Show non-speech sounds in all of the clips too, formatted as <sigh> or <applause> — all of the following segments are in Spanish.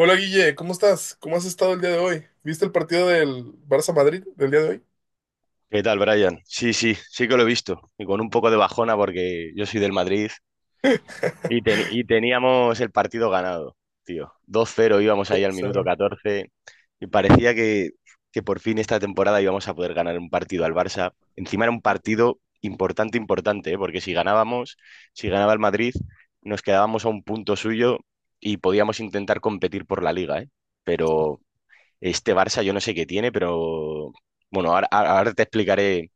Hola Guille, ¿cómo estás? ¿Cómo has estado el día de hoy? ¿Viste el partido del Barça Madrid del día de hoy? ¿Qué tal, Brian? Sí, sí, sí que lo he visto. Y con un poco de bajona porque yo soy del Madrid y <laughs> teníamos el partido ganado, tío. 2-0 íbamos ahí al minuto Cero. 14 y parecía que por fin esta temporada íbamos a poder ganar un partido al Barça. Encima era un partido importante, importante, ¿eh? Porque si ganábamos, si ganaba el Madrid, nos quedábamos a un punto suyo y podíamos intentar competir por la liga, ¿eh? Pero este Barça yo no sé qué tiene, pero bueno, ahora te explicaré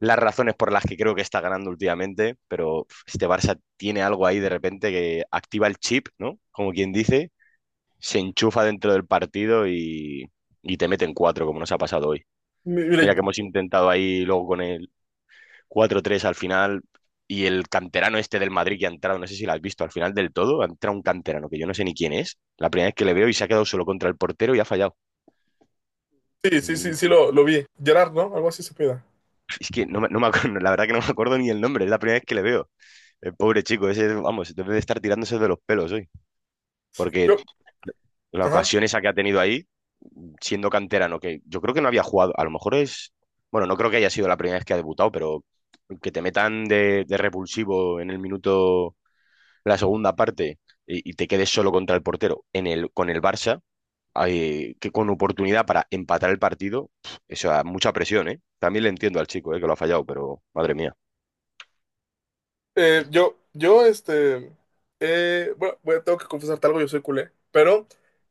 las razones por las que creo que está ganando últimamente, pero uf, este Barça tiene algo ahí de repente que activa el chip, ¿no? Como quien dice, se enchufa dentro del partido y te meten cuatro, como nos ha pasado hoy. Mira Mire, que hemos intentado ahí luego con el cuatro tres al final y el canterano este del Madrid que ha entrado, no sé si lo has visto, al final del todo, ha entrado un canterano que yo no sé ni quién es, la primera vez que le veo y se ha quedado solo contra el portero y ha fallado. sí, El sí, sí, minuto- lo vi. Gerard, ¿no? Algo así se pida. Es que no me acuerdo, <laughs> la verdad que no me acuerdo ni el nombre, es la primera vez que le veo. El pobre chico, ese, vamos, debe de estar tirándose de los pelos hoy. Porque Yo, la ajá. ocasión esa que ha tenido ahí, siendo canterano, que yo creo que no había jugado, a lo mejor es, bueno, no creo que haya sido la primera vez que ha debutado, pero que te metan de, repulsivo en el minuto, la segunda parte, y te quedes solo contra el portero con el Barça, que con oportunidad para empatar el partido, eso, da mucha presión, ¿eh? También le entiendo al chico, que lo ha fallado, pero madre mía. Eh, yo, yo, este, bueno, tengo que confesarte algo, yo soy culé, pero,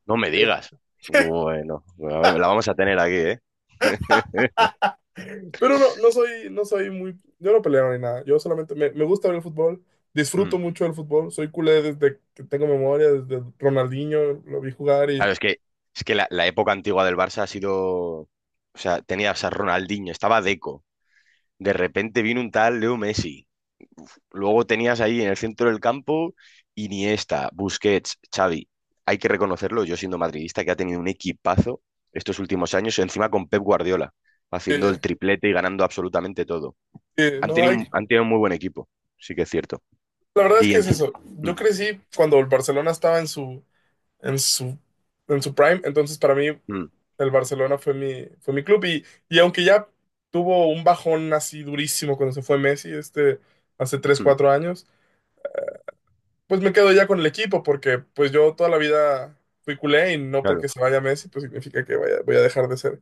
No me eh, digas. <laughs> Bueno, bueno, la vamos a tener aquí, ¿eh? <laughs> pero no soy, no soy muy, yo no peleo ni nada. Yo solamente me gusta ver el fútbol, Mm. disfruto mucho del fútbol, soy culé desde que tengo memoria, desde Ronaldinho, lo vi jugar Claro, es que la época antigua del Barça ha sido. O sea, tenías a Ronaldinho, estaba Deco. De repente vino un tal Leo Messi. Luego tenías ahí en el centro del campo Iniesta, Busquets, Xavi. Hay que reconocerlo, yo siendo madridista, que ha tenido un equipazo estos últimos años, encima con Pep Guardiola, haciendo eh, el triplete y ganando absolutamente todo. Han no tenido, hay, un- han tenido un muy buen equipo, sí que es cierto. la verdad es Y que es encima. eso. Mm, Yo crecí cuando el Barcelona estaba en su, en su prime, entonces para mí mm, el Barcelona fue mi club y aunque ya tuvo un bajón así durísimo cuando se fue Messi, hace tres mm. 4 años, pues me quedo ya con el equipo porque pues yo toda la vida fui culé y no Claro. porque se vaya Messi, pues significa voy a dejar de ser.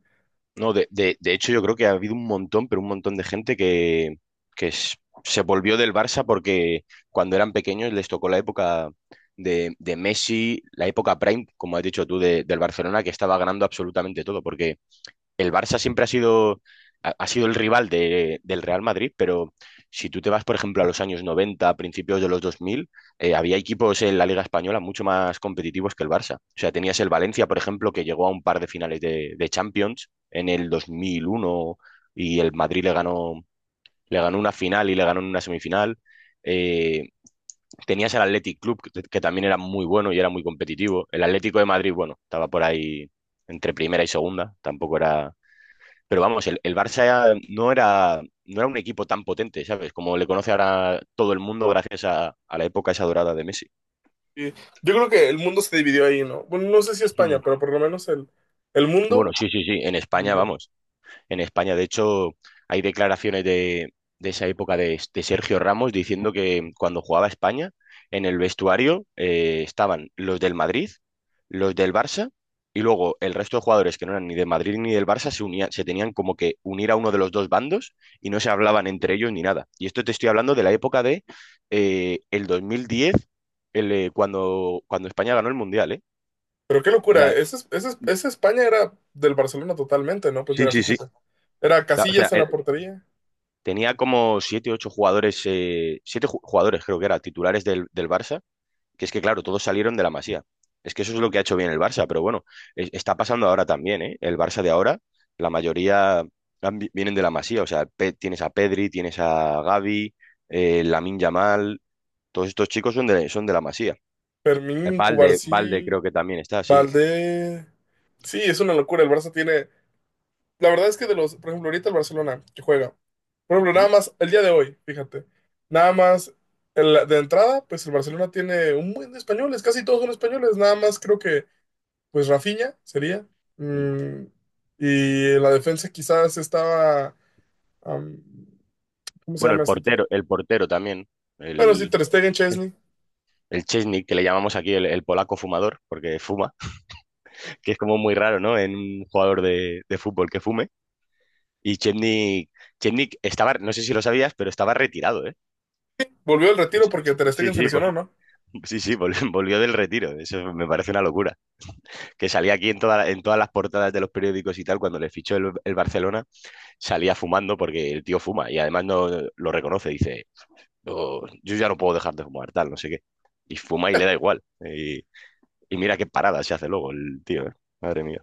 No, de hecho yo creo que ha habido un montón, pero un montón de gente que se volvió del Barça porque cuando eran pequeños les tocó la época de, Messi, la época prime, como has dicho tú, del Barcelona, que estaba ganando absolutamente todo, porque el Barça siempre ha sido, ha sido el rival del Real Madrid, pero si tú te vas, por ejemplo, a los años 90, a principios de los 2000, había equipos en la Liga Española mucho más competitivos que el Barça. O sea, tenías el Valencia, por ejemplo, que llegó a un par de finales de, Champions en el 2001 y el Madrid le ganó una final y le ganó en una semifinal. Eh, tenías el Athletic Club, que también era muy bueno y era muy competitivo. El Atlético de Madrid, bueno, estaba por ahí entre primera y segunda, tampoco era pero vamos, el Barça no era un equipo tan potente, ¿sabes? Como le conoce ahora todo el mundo gracias a, la época esa dorada de Messi. Y yo creo que el mundo se dividió ahí, ¿no? Bueno, no sé si España, <clears throat> Mm. pero por lo menos el mundo. Bueno, sí, sí, sí, en España, vamos. En España. De hecho, hay declaraciones de, esa época de Sergio Ramos diciendo que cuando jugaba España, en el vestuario estaban los del Madrid, los del Barça y luego el resto de jugadores que no eran ni del Madrid ni del Barça se unían, se tenían como que unir a uno de los dos bandos y no se hablaban entre ellos ni nada. Y esto te estoy hablando de la época de el 2010, cuando España ganó el Mundial, ¿eh? Pero qué locura, La- ese España era del Barcelona totalmente, ¿no? Pues sí, mira, sí, sí. fíjate, era O sea, Casillas en la portería, tenía como siete, ocho jugadores, siete jugadores creo que era, titulares del Barça, que es que claro, todos salieron de la Masía. Es que eso es lo que ha hecho bien el Barça, pero bueno, está pasando ahora también, ¿eh? El Barça de ahora, la mayoría vienen de la Masía, o sea, tienes a Pedri, tienes a Gavi, Lamine Yamal, todos estos chicos son de, la Masía. El Fermín, Valde, Valde Cubarsí, creo que también está, sí. Valdés. Sí, es una locura, el Barça tiene... La verdad es que de los, por ejemplo, ahorita el Barcelona que juega, por ejemplo, nada ¿Mm? más el día de hoy, fíjate, nada más de entrada, pues el Barcelona tiene un buen de españoles, casi todos son españoles, nada más creo que, pues Rafinha sería. Mm. mm, y en la defensa quizás estaba... am, ¿Cómo se Bueno, llama este? El portero también, Pero sí, el, Ter Stegen, Chesney. el Chesney, que le llamamos aquí el polaco fumador, porque fuma. Que es como muy raro, ¿no? En un jugador de fútbol que fume. Y Chetnik estaba, no sé si lo sabías, pero estaba retirado, ¿eh? Volvió al retiro Pues, porque Ter sí, Stegen se sí, lesionó, ¿no? <laughs> sí, sí, <laughs> volvió del retiro. Eso me parece una locura. Que salía aquí en todas las portadas de los periódicos y tal, cuando le fichó el Barcelona, salía fumando porque el tío fuma y además no lo reconoce. Dice, "No, yo ya no puedo dejar de fumar, tal, no sé qué. Y fuma y le da igual. Y mira qué parada se hace luego el tío, ¿eh? Madre mía,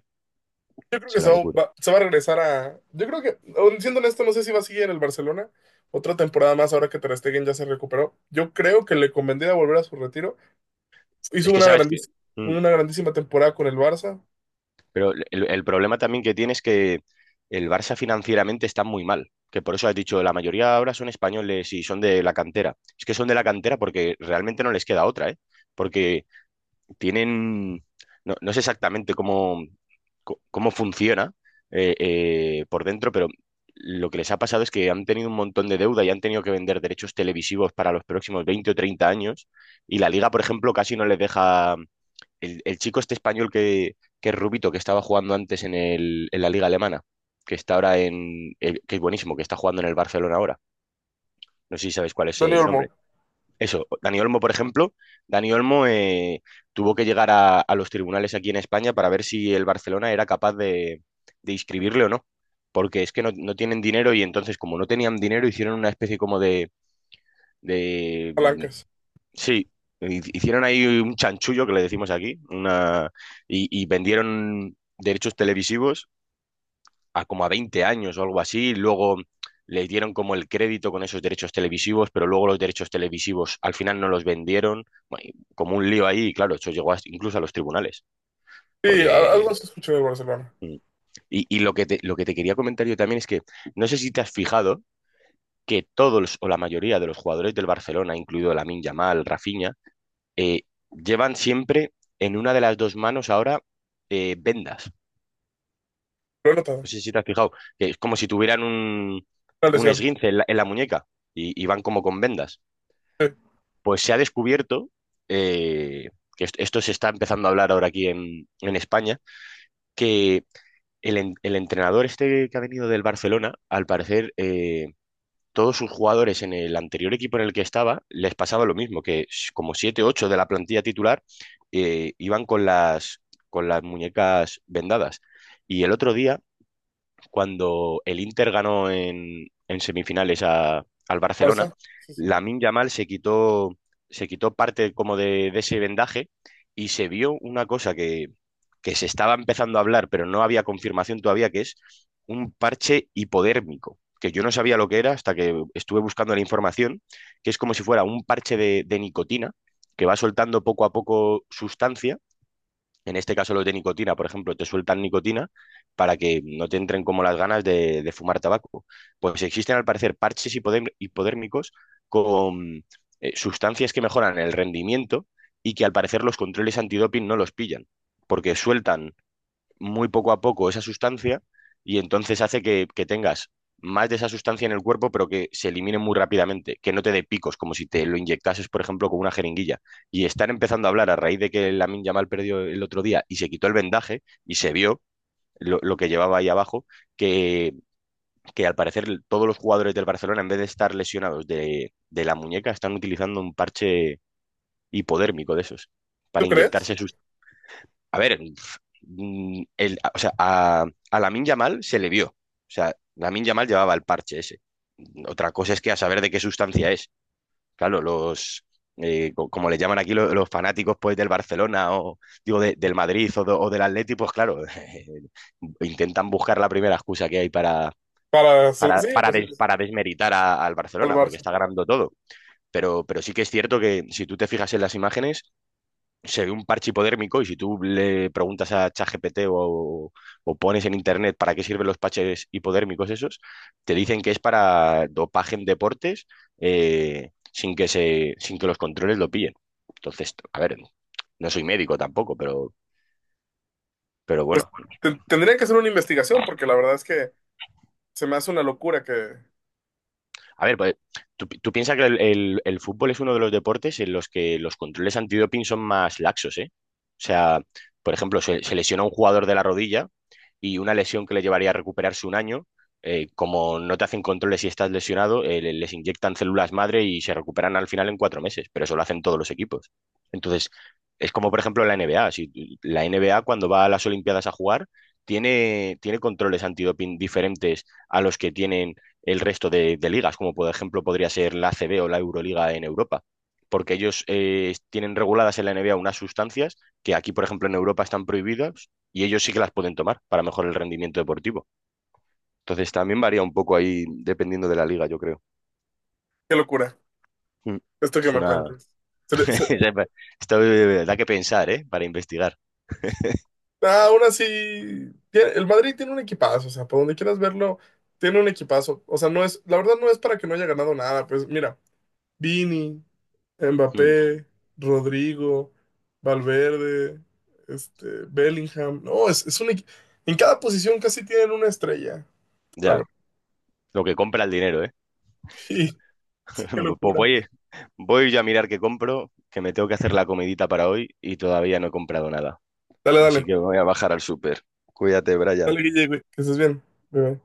Yo creo es que se una va, locura. Se va a regresar a... Yo creo que, siendo honesto, no sé si va a seguir en el Barcelona otra temporada más ahora que Ter Stegen ya se recuperó. Yo creo que le convendría volver a su retiro. Hizo Es que una sabes que... grandísima, Mm. una grandísima temporada con el Barça. Pero el problema también que tiene es que el Barça financieramente está muy mal, que por eso has dicho, la mayoría ahora son españoles y son de la cantera. Es que son de la cantera porque realmente no les queda otra, ¿eh? Porque tienen, no, no sé exactamente cómo, cómo funciona por dentro, pero lo que les ha pasado es que han tenido un montón de deuda y han tenido que vender derechos televisivos para los próximos 20 o 30 años y la liga, por ejemplo, casi no les deja el chico este español que es Rubito, que estaba jugando antes en la liga alemana, que está ahora que es buenísimo, que está jugando en el Barcelona ahora. No sé si sabes cuál es Dani el Olmo, nombre. Eso, Dani Olmo, por ejemplo, Dani Olmo tuvo que llegar a, los tribunales aquí en España para ver si el Barcelona era capaz de inscribirle o no. Porque es que no tienen dinero y entonces, como no tenían dinero, hicieron una especie como de, palancas. Sí, hicieron ahí un chanchullo que le decimos aquí, una. Y vendieron derechos televisivos a como a 20 años o algo así, y luego le dieron como el crédito con esos derechos televisivos, pero luego los derechos televisivos al final no los vendieron. Bueno, y como un lío ahí, y claro, eso llegó incluso a los tribunales, Sí, porque. algo se escuchó del Barcelona. Mm. Y lo que te, quería comentar yo también es que no sé si te has fijado que todos o la mayoría de los jugadores del Barcelona, incluido Lamine Yamal, Rafinha, eh, llevan siempre en una de las dos manos ahora vendas. Lo he notado. No sé si te has fijado, que es como si tuvieran un, Una un lesión. esguince en la, muñeca y van como con vendas. Sí, Pues se ha descubierto, eh, que esto se está empezando a hablar ahora aquí en España, que el entrenador este que ha venido del Barcelona, al parecer, todos sus jugadores en el anterior equipo en el que estaba les pasaba lo mismo, que como 7, 8 de la plantilla titular iban con las, muñecas vendadas. Y el otro día cuando el Inter ganó en semifinales al Barcelona, Barça. Sí, sí, sí. Lamine Yamal se quitó, parte como de ese vendaje y se vio una cosa que se estaba empezando a hablar, pero no había confirmación todavía, que es un parche hipodérmico, que yo no sabía lo que era hasta que estuve buscando la información, que es como si fuera un parche de, nicotina que va soltando poco a poco sustancia en este caso los de nicotina, por ejemplo, te sueltan nicotina para que no te entren como las ganas de fumar tabaco. Pues existen al parecer parches hipodérmicos con sustancias que mejoran el rendimiento y que al parecer los controles antidoping no los pillan, porque sueltan muy poco a poco esa sustancia y entonces hace que tengas más de esa sustancia en el cuerpo, pero que se elimine muy rápidamente, que no te dé picos, como si te lo inyectases, por ejemplo, con una jeringuilla. Y están empezando a hablar a raíz de que Lamin Yamal perdió el otro día y se quitó el vendaje y se vio lo que llevaba ahí abajo, que, que, al parecer todos los jugadores del Barcelona, en vez de estar lesionados de, la muñeca, están utilizando un parche hipodérmico de esos ¿Tú para crees? inyectarse sus. A ver, o sea, a Lamine Yamal se le vio. O sea, Lamine Yamal llevaba el parche ese. Otra cosa es que a saber de qué sustancia es. Claro, como le llaman aquí los fanáticos pues del Barcelona o digo del Madrid o, o del Atleti, pues claro, <laughs> intentan buscar la primera excusa que hay para, Para su... para, Sí, para, pues sí, des- pues sí, para desmeritar al al Barcelona, porque Barça. está ganando todo. Pero sí que es cierto que si tú te fijas en las imágenes, se ve un parche hipodérmico y si tú le preguntas a ChatGPT o pones en internet para qué sirven los parches hipodérmicos esos, te dicen que es para dopaje en deportes sin que los controles lo pillen. Entonces, a ver, no soy médico tampoco, pero Pues, bueno, tendría que hacer una investigación porque la verdad es que se me hace una locura que... a ver, pues tú piensas que el fútbol es uno de los deportes en los que los controles antidoping son más laxos, ¿eh? O sea, por ejemplo, se lesiona un jugador de la rodilla y una lesión que le llevaría a recuperarse un año, como no te hacen controles si estás lesionado, les inyectan células madre y se recuperan al final en 4 meses, pero eso lo hacen todos los equipos. Entonces, es como por ejemplo la NBA. Si tú- la NBA cuando va a las Olimpiadas a jugar, tiene controles antidoping diferentes a los que tienen el resto de, ligas, como por ejemplo podría ser la ACB o la Euroliga en Europa, porque ellos tienen reguladas en la N NBA unas sustancias que aquí, por ejemplo, en Europa están prohibidas y ellos sí que las pueden tomar para mejorar el rendimiento deportivo. Entonces también varía un poco ahí dependiendo de la liga, yo creo. Qué locura, Mm. esto que Es me una. cuentas. Se le- se- <laughs> Esto da que pensar, ¿eh? Para investigar. Ah, aún así, el Madrid tiene un equipazo, o sea, por donde quieras verlo, tiene un equipazo. O sea, no es, la verdad no es para que no haya ganado nada, pues mira, Vini, Mm. Mbappé, Rodrigo, Valverde, Bellingham, no, es en cada posición casi tienen una estrella, la Ya, verdad. lo que compra el dinero, ¿eh? <laughs> Sí, qué <laughs> Pues locura. voy, yo a mirar qué compro, que me tengo que hacer la comidita para hoy y todavía no he comprado nada. Dale, dale, Así que me voy a bajar al súper. Cuídate, Brian. Dale, Guille, güey, que estés bien. Bye, bye.